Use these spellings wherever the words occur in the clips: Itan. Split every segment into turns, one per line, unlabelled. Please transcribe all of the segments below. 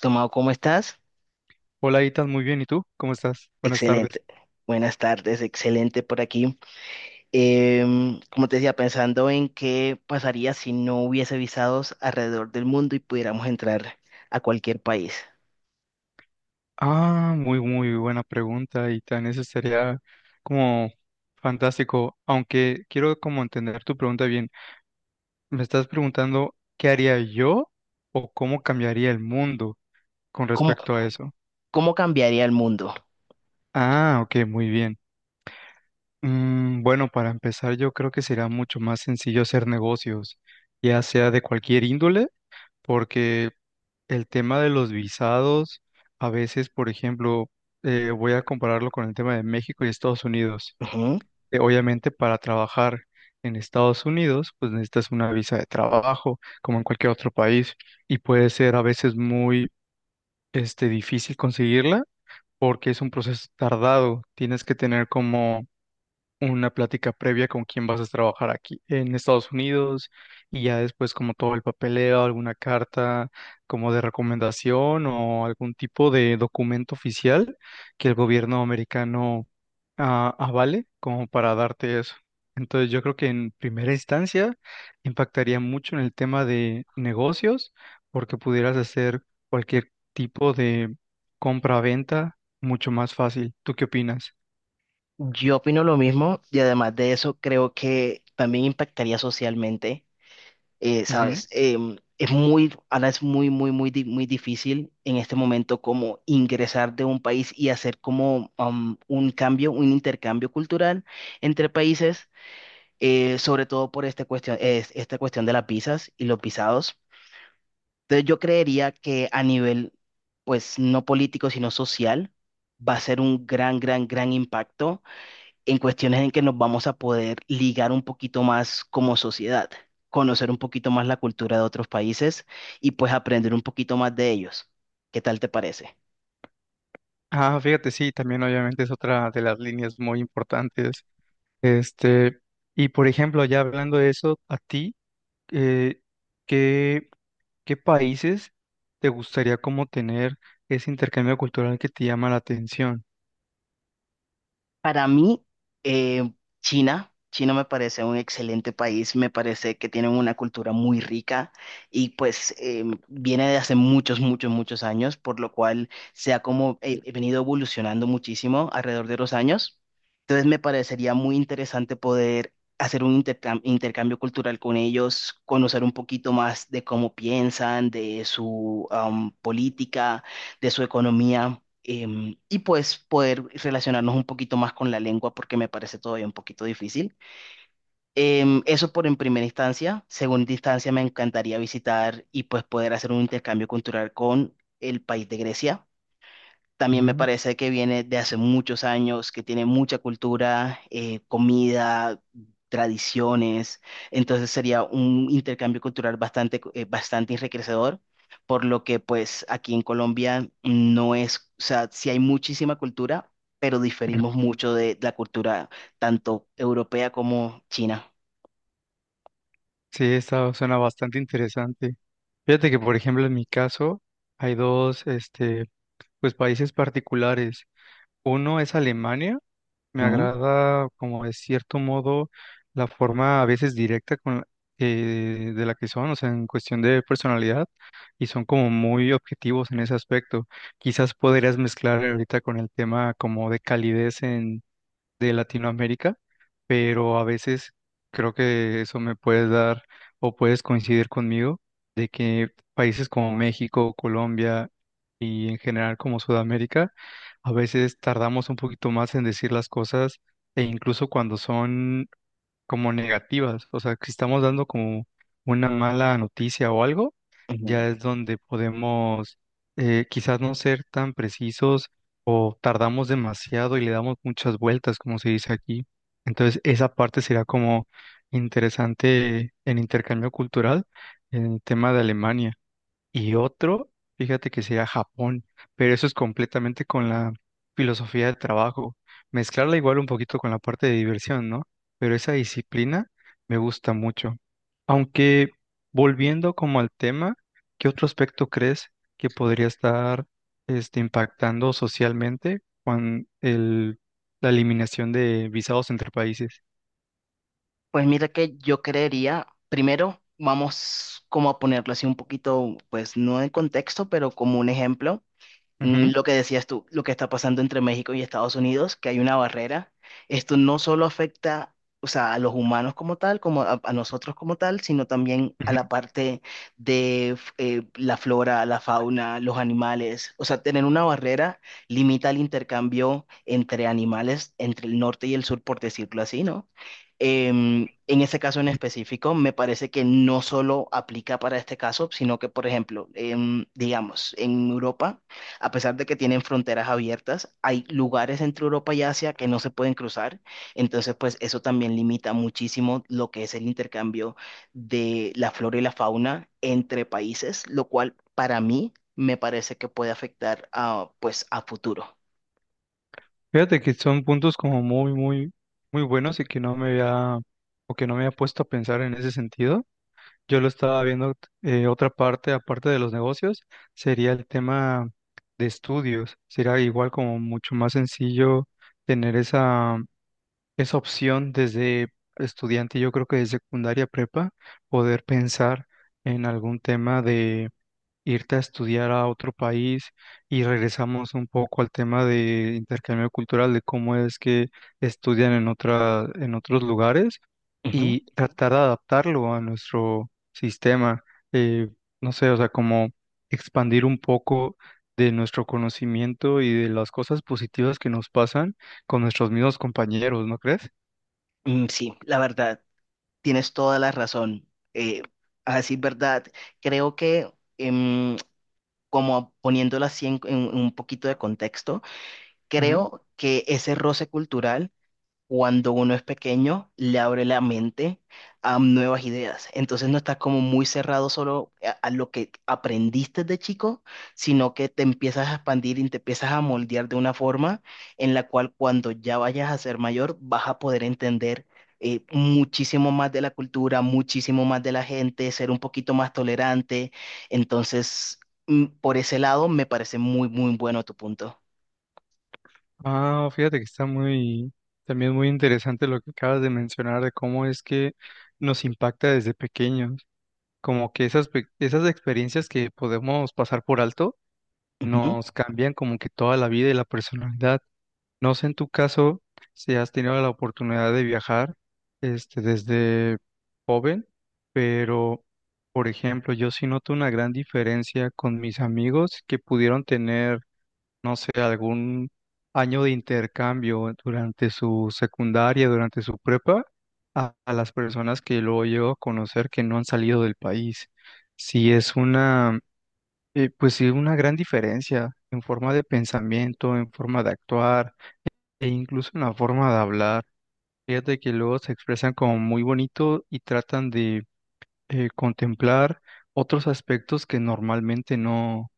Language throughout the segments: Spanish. Tomado, ¿cómo estás?
Hola, Itan, muy bien. ¿Y tú? ¿Cómo estás? Buenas tardes.
Excelente. Buenas tardes, excelente por aquí. Como te decía, pensando en qué pasaría si no hubiese visados alrededor del mundo y pudiéramos entrar a cualquier país.
Ah, muy, muy buena pregunta, Itan. Eso sería como fantástico, aunque quiero como entender tu pregunta bien. Me estás preguntando qué haría yo o cómo cambiaría el mundo con
¿Cómo,
respecto a eso.
cómo cambiaría el mundo?
Ah, ok, muy bien. Bueno, para empezar, yo creo que será mucho más sencillo hacer negocios, ya sea de cualquier índole, porque el tema de los visados, a veces, por ejemplo, voy a compararlo con el tema de México y Estados Unidos.
Ujú.
Obviamente, para trabajar en Estados Unidos, pues necesitas una visa de trabajo, como en cualquier otro país, y puede ser a veces muy, difícil conseguirla porque es un proceso tardado. Tienes que tener como una plática previa con quién vas a trabajar aquí en Estados Unidos, y ya después como todo el papeleo, alguna carta como de recomendación o algún tipo de documento oficial que el gobierno americano avale como para darte eso. Entonces yo creo que en primera instancia impactaría mucho en el tema de negocios porque pudieras hacer cualquier tipo de compra-venta mucho más fácil. ¿Tú qué opinas?
Yo opino lo mismo y además de eso creo que también impactaría socialmente,
Ujú.
¿sabes? Ahora es muy difícil en este momento, como ingresar de un país y hacer como un intercambio cultural entre países, sobre todo por esta cuestión, esta cuestión de las visas y los visados. Entonces yo creería que a nivel, pues no político, sino social, va a ser un gran, gran, gran impacto en cuestiones en que nos vamos a poder ligar un poquito más como sociedad, conocer un poquito más la cultura de otros países y pues aprender un poquito más de ellos. ¿Qué tal te parece?
Ah, fíjate, sí, también obviamente es otra de las líneas muy importantes. Este, y por ejemplo, ya hablando de eso, a ti, eh, ¿qué, qué países te gustaría como tener ese intercambio cultural que te llama la atención?
Para mí, eh, China me parece un excelente país, me parece que tienen una cultura muy rica y pues viene de hace muchos, muchos, muchos años, por lo cual se ha como venido evolucionando muchísimo alrededor de los años. Entonces me parecería muy interesante poder hacer un intercambio cultural con ellos, conocer un poquito más de cómo piensan, de su política, de su economía, y pues poder relacionarnos un poquito más con la lengua porque me parece todavía un poquito difícil. Eso por en primera instancia. Segunda instancia, me encantaría visitar y pues poder hacer un intercambio cultural con el país de Grecia. También me
Mm,
parece que viene de hace muchos años, que tiene mucha cultura, comida, tradiciones. Entonces sería un intercambio cultural bastante enriquecedor, por lo que pues aquí en Colombia no es, o sea, sí hay muchísima cultura, pero diferimos mucho de la cultura tanto europea como china.
sí, esta suena bastante interesante. Fíjate que, por ejemplo, en mi caso, hay dos, pues países particulares. Uno es Alemania. Me
Ujú,
agrada, como de cierto modo, la forma a veces directa de la que son, o sea, en cuestión de personalidad, y son como muy objetivos en ese aspecto. Quizás podrías mezclar ahorita con el tema como de calidez de Latinoamérica, pero a veces creo que eso me puedes dar o puedes coincidir conmigo de que países como México, Colombia y en general como Sudamérica, a veces tardamos un poquito más en decir las cosas, e incluso cuando son como negativas, o sea, que estamos dando como una mala noticia o algo,
ujú.
ya es donde podemos quizás no ser tan precisos, o tardamos demasiado y le damos muchas vueltas, como se dice aquí. Entonces, esa parte será como interesante en intercambio cultural en el tema de Alemania. Y otro, fíjate que sería Japón, pero eso es completamente con la filosofía de trabajo. Mezclarla igual un poquito con la parte de diversión, ¿no? Pero esa disciplina me gusta mucho. Aunque volviendo como al tema, ¿qué otro aspecto crees que podría estar impactando socialmente con la eliminación de visados entre países?
Pues mira que yo creería, primero vamos como a ponerlo así un poquito, pues no en contexto, pero como un ejemplo,
Ujú,
lo que decías tú, lo que está pasando entre México y Estados Unidos, que hay una barrera. Esto no solo afecta, o sea, a los humanos como tal, como a nosotros como tal, sino también a
ujú.
la parte de la flora, la fauna, los animales. O sea, tener una barrera limita el intercambio entre animales, entre el norte y el sur, por decirlo así, ¿no? En ese caso en específico, me parece que no solo aplica para este caso, sino que, por ejemplo, digamos, en Europa, a pesar de que tienen fronteras abiertas, hay lugares entre Europa y Asia que no se pueden cruzar. Entonces, pues eso también limita muchísimo lo que es el intercambio de la flora y la fauna entre países, lo cual para mí me parece que puede afectar a, pues, a futuro.
Fíjate que son puntos como muy, muy, muy buenos y que no me había, o que no me había puesto a pensar en ese sentido. Yo lo estaba viendo, otra parte, aparte de los negocios, sería el tema de estudios. Sería igual como mucho más sencillo tener esa opción desde estudiante, yo creo que de secundaria prepa, poder pensar en algún tema, irte a estudiar a otro país, y regresamos un poco al tema de intercambio cultural, de cómo es que estudian en otros lugares
Ujú.
y tratar de adaptarlo a nuestro sistema. eh, no sé, o sea, como expandir un poco de nuestro conocimiento y de las cosas positivas que nos pasan con nuestros mismos compañeros, ¿no crees?
Mm, sí, la verdad, tienes toda la razón. Eh, a decir verdad, creo que, em, como poniéndolo así en un poquito de contexto, creo que ese roce cultural, cuando uno es pequeño, le abre la mente a nuevas ideas. Entonces no estás como muy cerrado solo a lo que aprendiste de chico, sino que te empiezas a expandir y te empiezas a moldear de una forma en la cual cuando ya vayas a ser mayor vas a poder entender, muchísimo más de la cultura, muchísimo más de la gente, ser un poquito más tolerante. Entonces, por ese lado, me parece muy, muy bueno tu punto.
Ah, fíjate que está muy, también muy interesante lo que acabas de mencionar de cómo es que nos impacta desde pequeños, como que esas, esas experiencias que podemos pasar por alto, nos cambian como que toda la vida y la personalidad. No sé en tu caso si has tenido la oportunidad de viajar, desde joven, pero por ejemplo, yo sí noto una gran diferencia con mis amigos que pudieron tener, no sé, algún año de intercambio durante su secundaria, durante su prepa, a las personas que luego llego a conocer que no han salido del país. Sí es pues sí, una gran diferencia en forma de pensamiento, en forma de actuar, e incluso en la forma de hablar. Fíjate que luego se expresan como muy bonito y tratan de contemplar otros aspectos que normalmente no,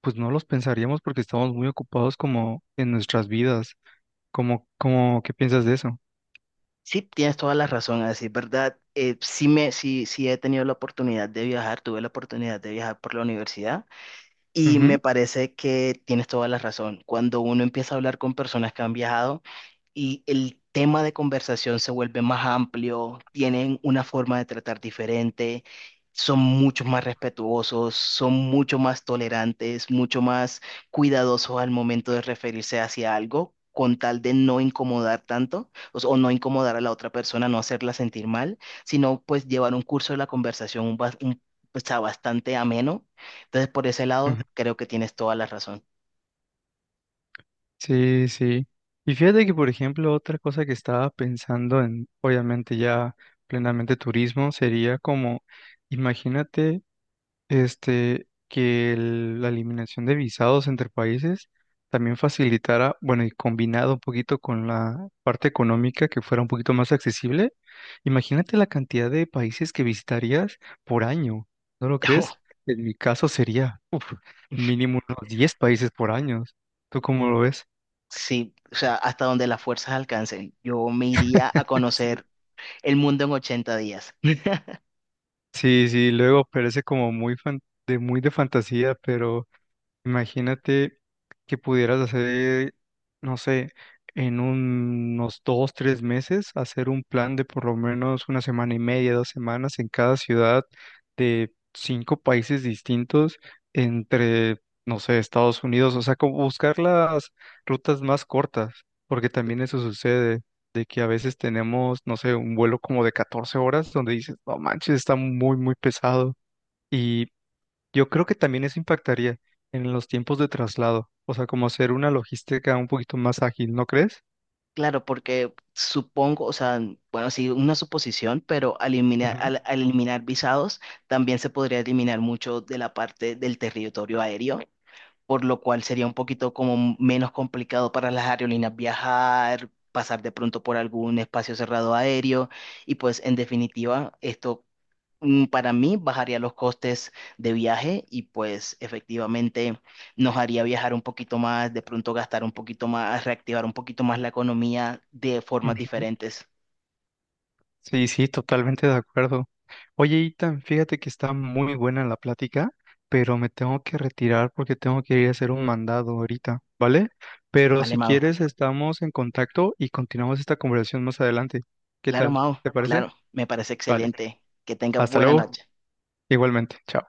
pues no los pensaríamos porque estamos muy ocupados como en nuestras vidas. Como, ¿qué piensas de eso?
Sí, tienes toda la razón, así es verdad. Sí, sí, sí he tenido la oportunidad de viajar, tuve la oportunidad de viajar por la universidad. Y me
Ujú,
parece que tienes toda la razón. Cuando uno empieza a hablar con personas que han viajado y el tema de conversación se vuelve más amplio, tienen una forma de tratar diferente, son mucho más respetuosos, son mucho más tolerantes, mucho más cuidadosos al momento de referirse hacia algo, con tal de no incomodar tanto o, o no incomodar a la otra persona, no hacerla sentir mal, sino pues llevar un curso de la conversación o sea, bastante ameno, entonces, por ese
ujú.
lado, creo que tienes toda la razón.
Sí, sí. Y fíjate que, por ejemplo, otra cosa que estaba pensando en, obviamente ya plenamente turismo, sería como, imagínate, que la eliminación de visados entre países también facilitara, bueno, y combinado un poquito con la parte económica que fuera un poquito más accesible, imagínate la cantidad de países que visitarías por año, ¿no lo crees? En mi caso sería, uf, mínimo unos 10 países por año. ¿Tú cómo lo ves?
Sí, o sea, hasta donde las fuerzas alcancen, yo me iría a
Sí.
conocer el mundo en 80 días.
Sí, sí, luego parece como muy de muy de fantasía, pero imagínate que pudieras hacer, no sé, en unos 2, 3 meses, hacer un plan de por lo menos una semana y media, 2 semanas en cada ciudad de 5 países distintos, entre, no sé, Estados Unidos, o sea, como buscar las rutas más cortas, porque también eso sucede, de que a veces tenemos, no sé, un vuelo como de 14 horas donde dices, no manches, está muy, muy pesado. Y yo creo que también eso impactaría en los tiempos de traslado, o sea, como hacer una logística un poquito más ágil, ¿no crees?
Claro, porque supongo, o sea, bueno, sí, una suposición, pero al eliminar,
Ujú.
al, al eliminar visados, también se podría eliminar mucho de la parte del territorio aéreo, por lo cual sería un poquito como menos complicado para las aerolíneas viajar, pasar de pronto por algún espacio cerrado aéreo, y pues en definitiva, esto, para mí bajaría los costes de viaje y pues efectivamente nos haría viajar un poquito más, de pronto gastar un poquito más, reactivar un poquito más la economía de formas
Ujú.
diferentes.
Sí, sí, totalmente de acuerdo. Oye, Itan, fíjate que está muy buena la plática, pero me tengo que retirar porque tengo que ir a hacer un mandado ahorita, ¿vale? Pero
Vale,
si
Mao.
quieres, estamos en contacto y continuamos esta conversación más adelante. ¿Qué
Claro,
tal?
Mao.
¿Te parece?
Claro, me parece
Vale.
excelente. Que tengas
Hasta
buena
luego.
noche.
Igualmente. Chao.